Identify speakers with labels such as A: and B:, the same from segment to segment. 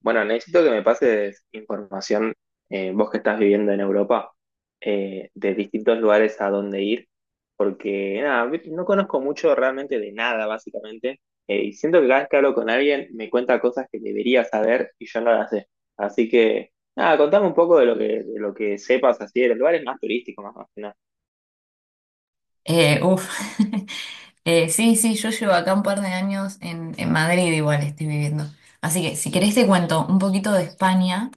A: Bueno, necesito que me pases información, vos que estás viviendo en Europa, de distintos lugares a dónde ir, porque nada, no conozco mucho realmente de nada, básicamente, y siento que cada vez que hablo con alguien me cuenta cosas que debería saber y yo no las sé. Así que, nada, contame un poco de lo que sepas así, de los lugares más turísticos, más, o menos.
B: Uf. Sí, sí, yo llevo acá un par de años en Madrid, igual estoy viviendo. Así que si querés te cuento un poquito de España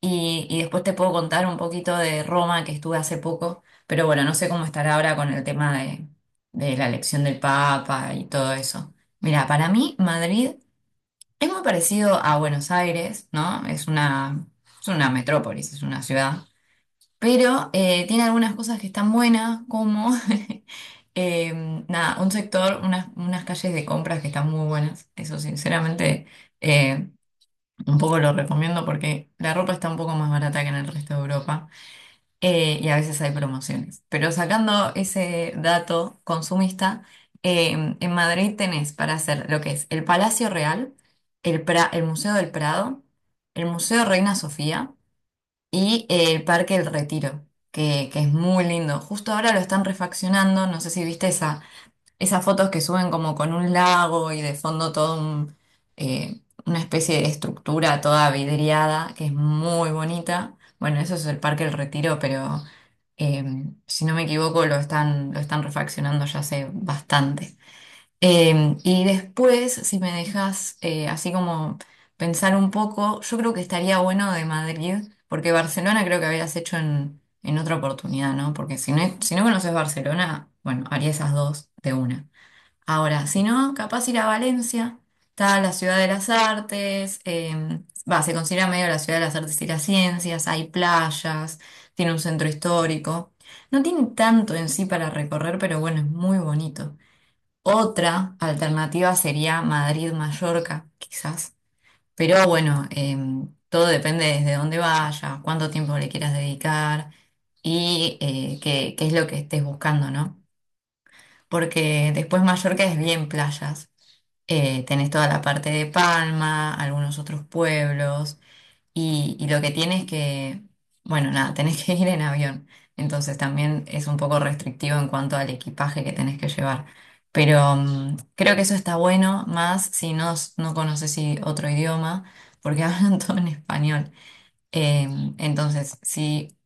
B: y después te puedo contar un poquito de Roma que estuve hace poco, pero bueno, no sé cómo estará ahora con el tema de la elección del Papa y todo eso. Mira, para mí Madrid es muy parecido a Buenos Aires, ¿no? Es una metrópolis, es una ciudad, pero tiene algunas cosas que están buenas, como Eh, nada, un sector, unas calles de compras que están muy buenas. Eso sinceramente, eh, un poco lo recomiendo porque la ropa está un poco más barata que en el resto de Europa, y a veces hay promociones. Pero sacando ese dato consumista, en Madrid tenés para hacer lo que es el Palacio Real, el Museo del Prado, el Museo Reina Sofía y el Parque El Retiro. Que es muy lindo. Justo ahora lo están refaccionando, no sé si viste esas fotos que suben como con un lago y de fondo todo una especie de estructura toda vidriada, que es muy bonita. Bueno, eso es el Parque El Retiro, pero eh, si no me equivoco lo están refaccionando ya hace bastante. Y después, si me dejas, así como pensar un poco, yo creo que estaría bueno de Madrid, porque Barcelona creo que habías hecho en otra oportunidad, ¿no? Porque si no conoces Barcelona, bueno, haría esas dos de una. Ahora, si no, capaz ir a Valencia, está la ciudad de las artes, va, se considera medio la ciudad de las artes y las ciencias, hay playas, tiene un centro histórico. No tiene tanto en sí para recorrer, pero bueno, es muy bonito. Otra alternativa sería Madrid-Mallorca, quizás. Pero bueno, todo depende desde dónde vayas, cuánto tiempo le quieras dedicar y, qué es lo que estés buscando, ¿no? Porque después Mallorca es bien playas. Tenés toda la parte de Palma, algunos otros pueblos, y lo que tienes que, bueno, nada, tenés que ir en avión. Entonces también es un poco restrictivo en cuanto al equipaje que tenés que llevar. Pero, creo que eso está bueno, más si no, no conoces otro idioma, porque hablan todo en español. Eh, entonces, si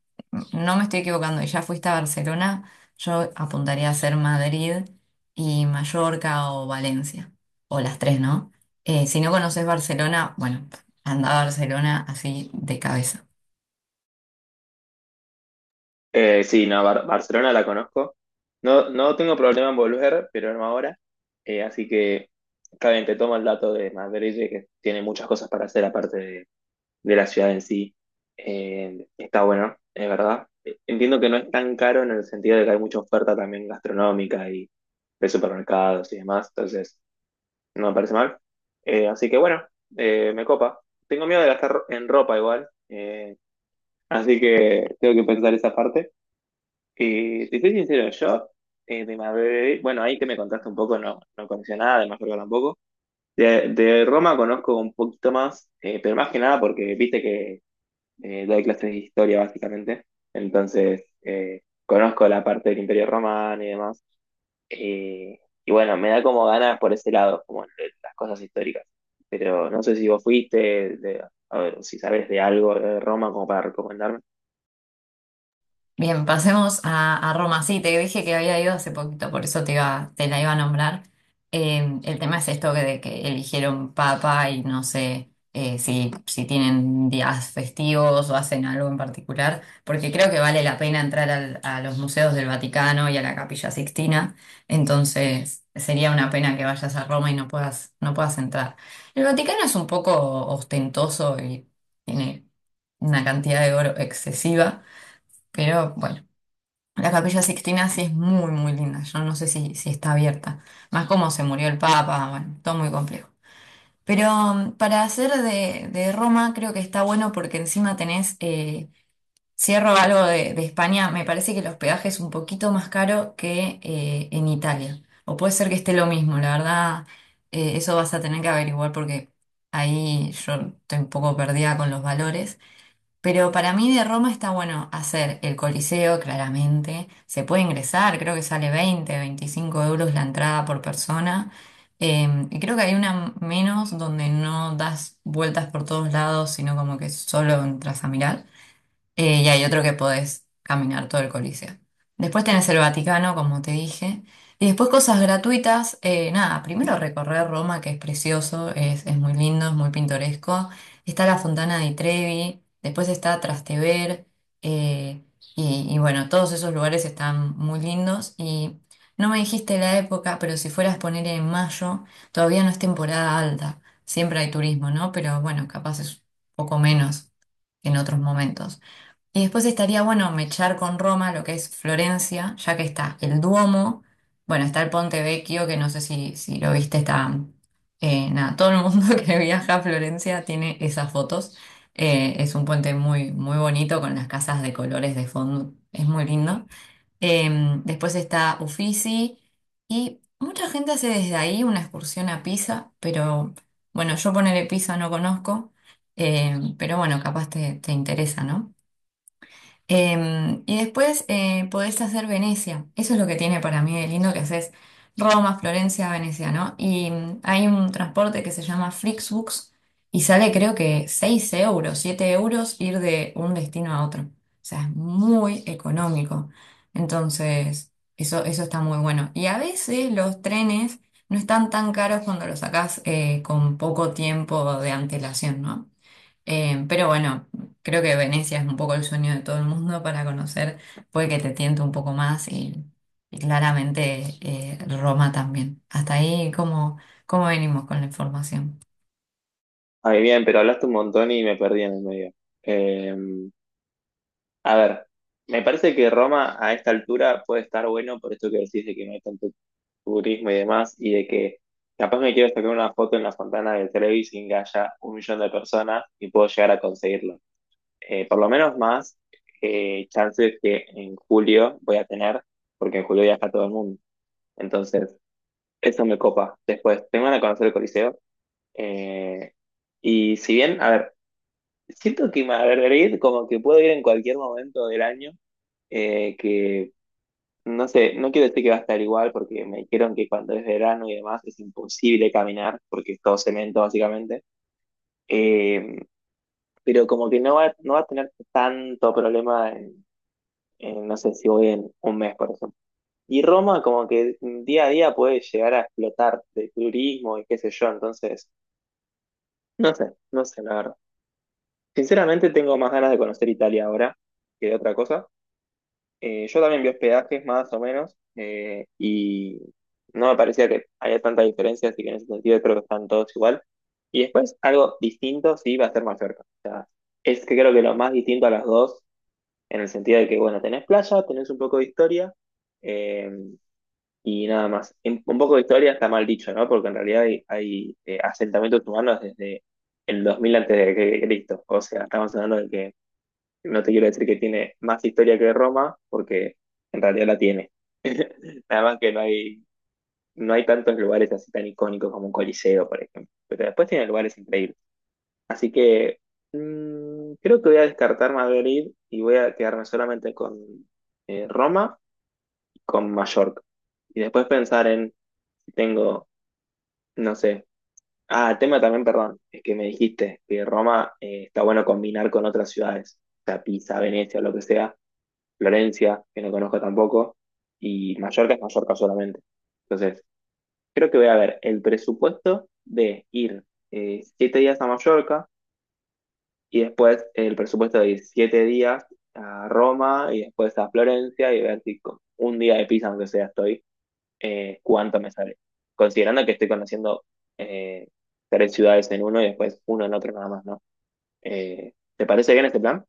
B: no me estoy equivocando y ya fuiste a Barcelona, yo apuntaría a ser Madrid y Mallorca o Valencia, o las tres, ¿no? Si no conoces Barcelona, bueno, anda a Barcelona así de cabeza.
A: Sí, no, Barcelona la conozco. No, no tengo problema en volver, pero no ahora. Así que, está bien, te tomo el dato de Madrid, de que tiene muchas cosas para hacer aparte de la ciudad en sí. Está bueno, es verdad. Entiendo que no es tan caro en el sentido de que hay mucha oferta también gastronómica y de supermercados y demás, entonces no me parece mal. Así que bueno, me copa. Tengo miedo de gastar en ropa igual, así que tengo que pensar esa parte. Te soy sincero, yo de Marbella, bueno, ahí que me contaste un poco, no, no conocía nada, de Mallorca tampoco. De Roma conozco un poquito más, pero más que nada porque viste que doy clases de historia básicamente, entonces conozco la parte del Imperio Romano y demás. Eh, y bueno, me da como ganas por ese lado, como de las cosas históricas. Pero no sé si vos fuiste, a ver, si sabes de algo de Roma como para recomendarme.
B: Bien, pasemos a Roma. Sí, te dije que había ido hace poquito, por eso te la iba a nombrar. El tema es esto que, de que eligieron papa y no sé, si tienen días festivos o hacen algo en particular, porque creo que vale la pena entrar a los museos del Vaticano y a la Capilla Sixtina, entonces sería una pena que vayas a Roma y no puedas entrar. El Vaticano es un poco ostentoso y tiene una cantidad de oro excesiva. Pero bueno. La Capilla Sixtina sí es muy, muy linda. Yo no sé si está abierta. Más como se murió el Papa, bueno, todo muy complejo. Pero, para hacer de Roma creo que está bueno porque encima tenés, cierro algo de España, me parece que el hospedaje es un poquito más caro que, en Italia. O puede ser que esté lo mismo, la verdad, eso vas a tener que averiguar porque ahí yo estoy un poco perdida con los valores. Pero para mí de Roma está bueno hacer el Coliseo, claramente. Se puede ingresar, creo que sale 20, 25 € la entrada por persona. Y creo que hay una menos donde no das vueltas por todos lados, sino como que solo entras a mirar. Y hay otro que podés caminar todo el Coliseo. Después tenés el Vaticano, como te dije. Y después cosas gratuitas. Nada, primero recorrer Roma, que es precioso, es muy lindo, es muy pintoresco. Está la Fontana di Trevi, después está Trastevere. eh, y bueno, todos esos lugares están muy lindos. Y no me dijiste la época, pero si fueras a poner en mayo, todavía no es temporada alta. Siempre hay turismo, ¿no? Pero bueno, capaz es un poco menos que en otros momentos. Y después estaría bueno mechar con Roma lo que es Florencia, ya que está el Duomo, bueno, está el Ponte Vecchio, que no sé si lo viste, está, nada, todo el mundo que viaja a Florencia tiene esas fotos. Es un puente muy, muy bonito con las casas de colores de fondo, es muy lindo. Eh, Después está Uffizi y mucha gente hace desde ahí una excursión a Pisa, pero bueno, yo ponerle Pisa no conozco, pero bueno, capaz te interesa, ¿no? Y después, podés hacer Venecia. Eso es lo que tiene para mí de lindo que haces Roma, Florencia, Venecia, ¿no? Y, hay un transporte que se llama Flixbus y sale creo que 6 euros, 7 € ir de un destino a otro. O sea, es muy económico. Entonces, eso está muy bueno. Y a veces los trenes no están tan caros cuando los sacás, con poco tiempo de antelación, ¿no? Pero bueno, creo que Venecia es un poco el sueño de todo el mundo para conocer, puede que te tiente un poco más y claramente, Roma también. Hasta ahí, ¿cómo venimos con la información?
A: Ah, bien, pero hablaste un montón y me perdí en el medio. Eh, A ver, me parece que Roma a esta altura puede estar bueno por esto que decís de que no hay tanto turismo y demás, y de que capaz me quiero sacar una foto en la fontana del Trevi sin que haya un millón de personas y puedo llegar a conseguirlo. Por lo menos más chances que en julio voy a tener, porque en julio viaja todo el mundo. Entonces, eso me copa. Después, tengo ganas de conocer el Coliseo. eh, y si bien, a ver, siento que Madrid como que puedo ir en cualquier momento del año que no sé, no quiero decir que va a estar igual porque me dijeron que cuando es verano y demás es imposible caminar porque es todo cemento básicamente. Eh, pero como que no va a tener tanto problema en, no sé si voy en un mes, por ejemplo. Y Roma como que día a día puede llegar a explotar de turismo y qué sé yo, entonces no sé, no sé la verdad. Sinceramente tengo más ganas de conocer Italia ahora que de otra cosa. Yo también vi hospedajes más o menos y no me parecía que haya tanta diferencia, así que en ese sentido creo que están todos igual. Y después algo distinto sí va a ser Mallorca. O sea, es que creo que lo más distinto a las dos, en el sentido de que, bueno, tenés playa, tenés un poco de historia eh, y nada más. Un poco de historia está mal dicho, ¿no? Porque en realidad hay asentamientos humanos desde el 2000 antes de Cristo. O sea, estamos hablando de que no te quiero decir que tiene más historia que Roma, porque en realidad la tiene. Nada más que no hay, no hay tantos lugares así tan icónicos como un coliseo, por ejemplo. Pero después tiene lugares increíbles. Así que creo que voy a descartar Madrid y voy a quedarme solamente con Roma y con Mallorca. Y después pensar en si tengo, no sé. Ah, el tema también, perdón, es que me dijiste que Roma está bueno combinar con otras ciudades, o sea, Pisa, Venecia, lo que sea Florencia, que no conozco tampoco, y Mallorca es Mallorca solamente. Entonces, creo que voy a ver el presupuesto de ir 7 días a Mallorca y después el presupuesto de ir 7 días a Roma y después a Florencia y ver si con un día de Pisa, aunque sea estoy, cuánto me sale. Considerando que estoy conociendo eh, tres ciudades en uno y después uno en otro nada más, ¿no? ¿Te parece bien este plan?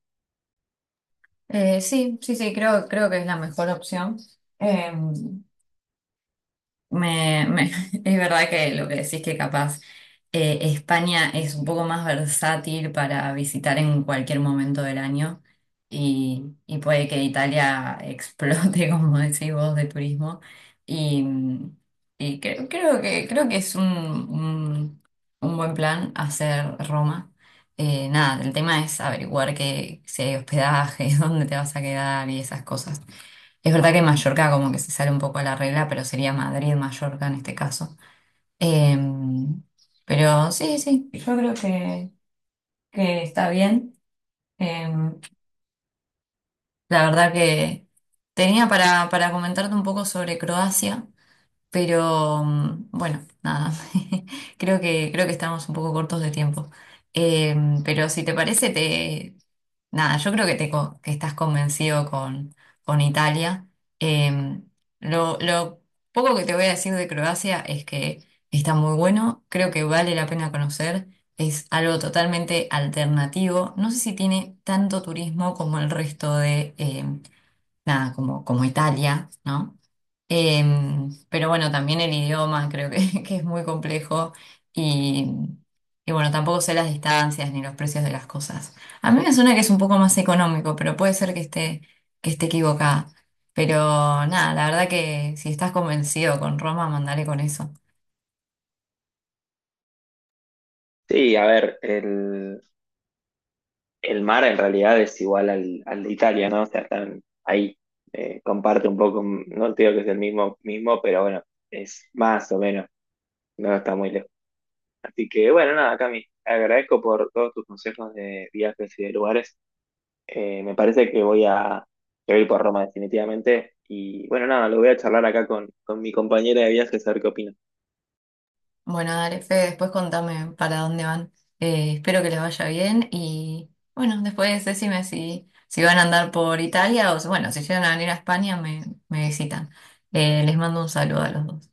B: Sí, sí, sí, creo que es la mejor opción. Eh, Me, me- es verdad que lo que decís que capaz, España es un poco más versátil para visitar en cualquier momento del año y puede que Italia explote, como decís vos, de turismo. Y, y creo que es un buen plan hacer Roma. Nada, el tema es averiguar que, si hay hospedaje, dónde te vas a quedar y esas cosas. Es verdad que Mallorca como que se sale un poco a la regla, pero sería Madrid, Mallorca en este caso. Em, pero sí, sí, yo creo que está bien. Em, la verdad que tenía para comentarte un poco sobre Croacia. Pero, bueno, nada, creo que estamos un poco cortos de tiempo. Eh, pero si te parece, nada, yo creo que estás convencido con Italia. Eh, lo poco que te voy a decir de Croacia es que está muy bueno, creo que vale la pena conocer, es algo totalmente alternativo. No sé si tiene tanto turismo como el resto de, nada, como Italia, ¿no? Pero bueno, también el idioma creo que es muy complejo y, y bueno, tampoco sé las distancias ni los precios de las cosas. A mí me suena que es un poco más económico, pero puede ser que esté equivocada. Pero nada, la verdad que si estás convencido con Roma, mandale con eso.
A: Sí, a ver, el mar en realidad es igual al, al de Italia, ¿no? O sea, están ahí, comparte un poco, no te digo que es el mismo, mismo, pero bueno, es más o menos, no está muy lejos. Así que bueno, nada, Cami, agradezco por todos tus consejos de viajes y de lugares. Me parece que que voy a ir por Roma definitivamente. Y bueno, nada, lo voy a charlar acá con mi compañera de viajes a ver qué opina.
B: Bueno, dale, Fede, después contame para dónde van. Espero que les vaya bien y bueno, después decime si van a andar por Italia o bueno, si llegan a venir a España me visitan. Les mando un saludo a los dos.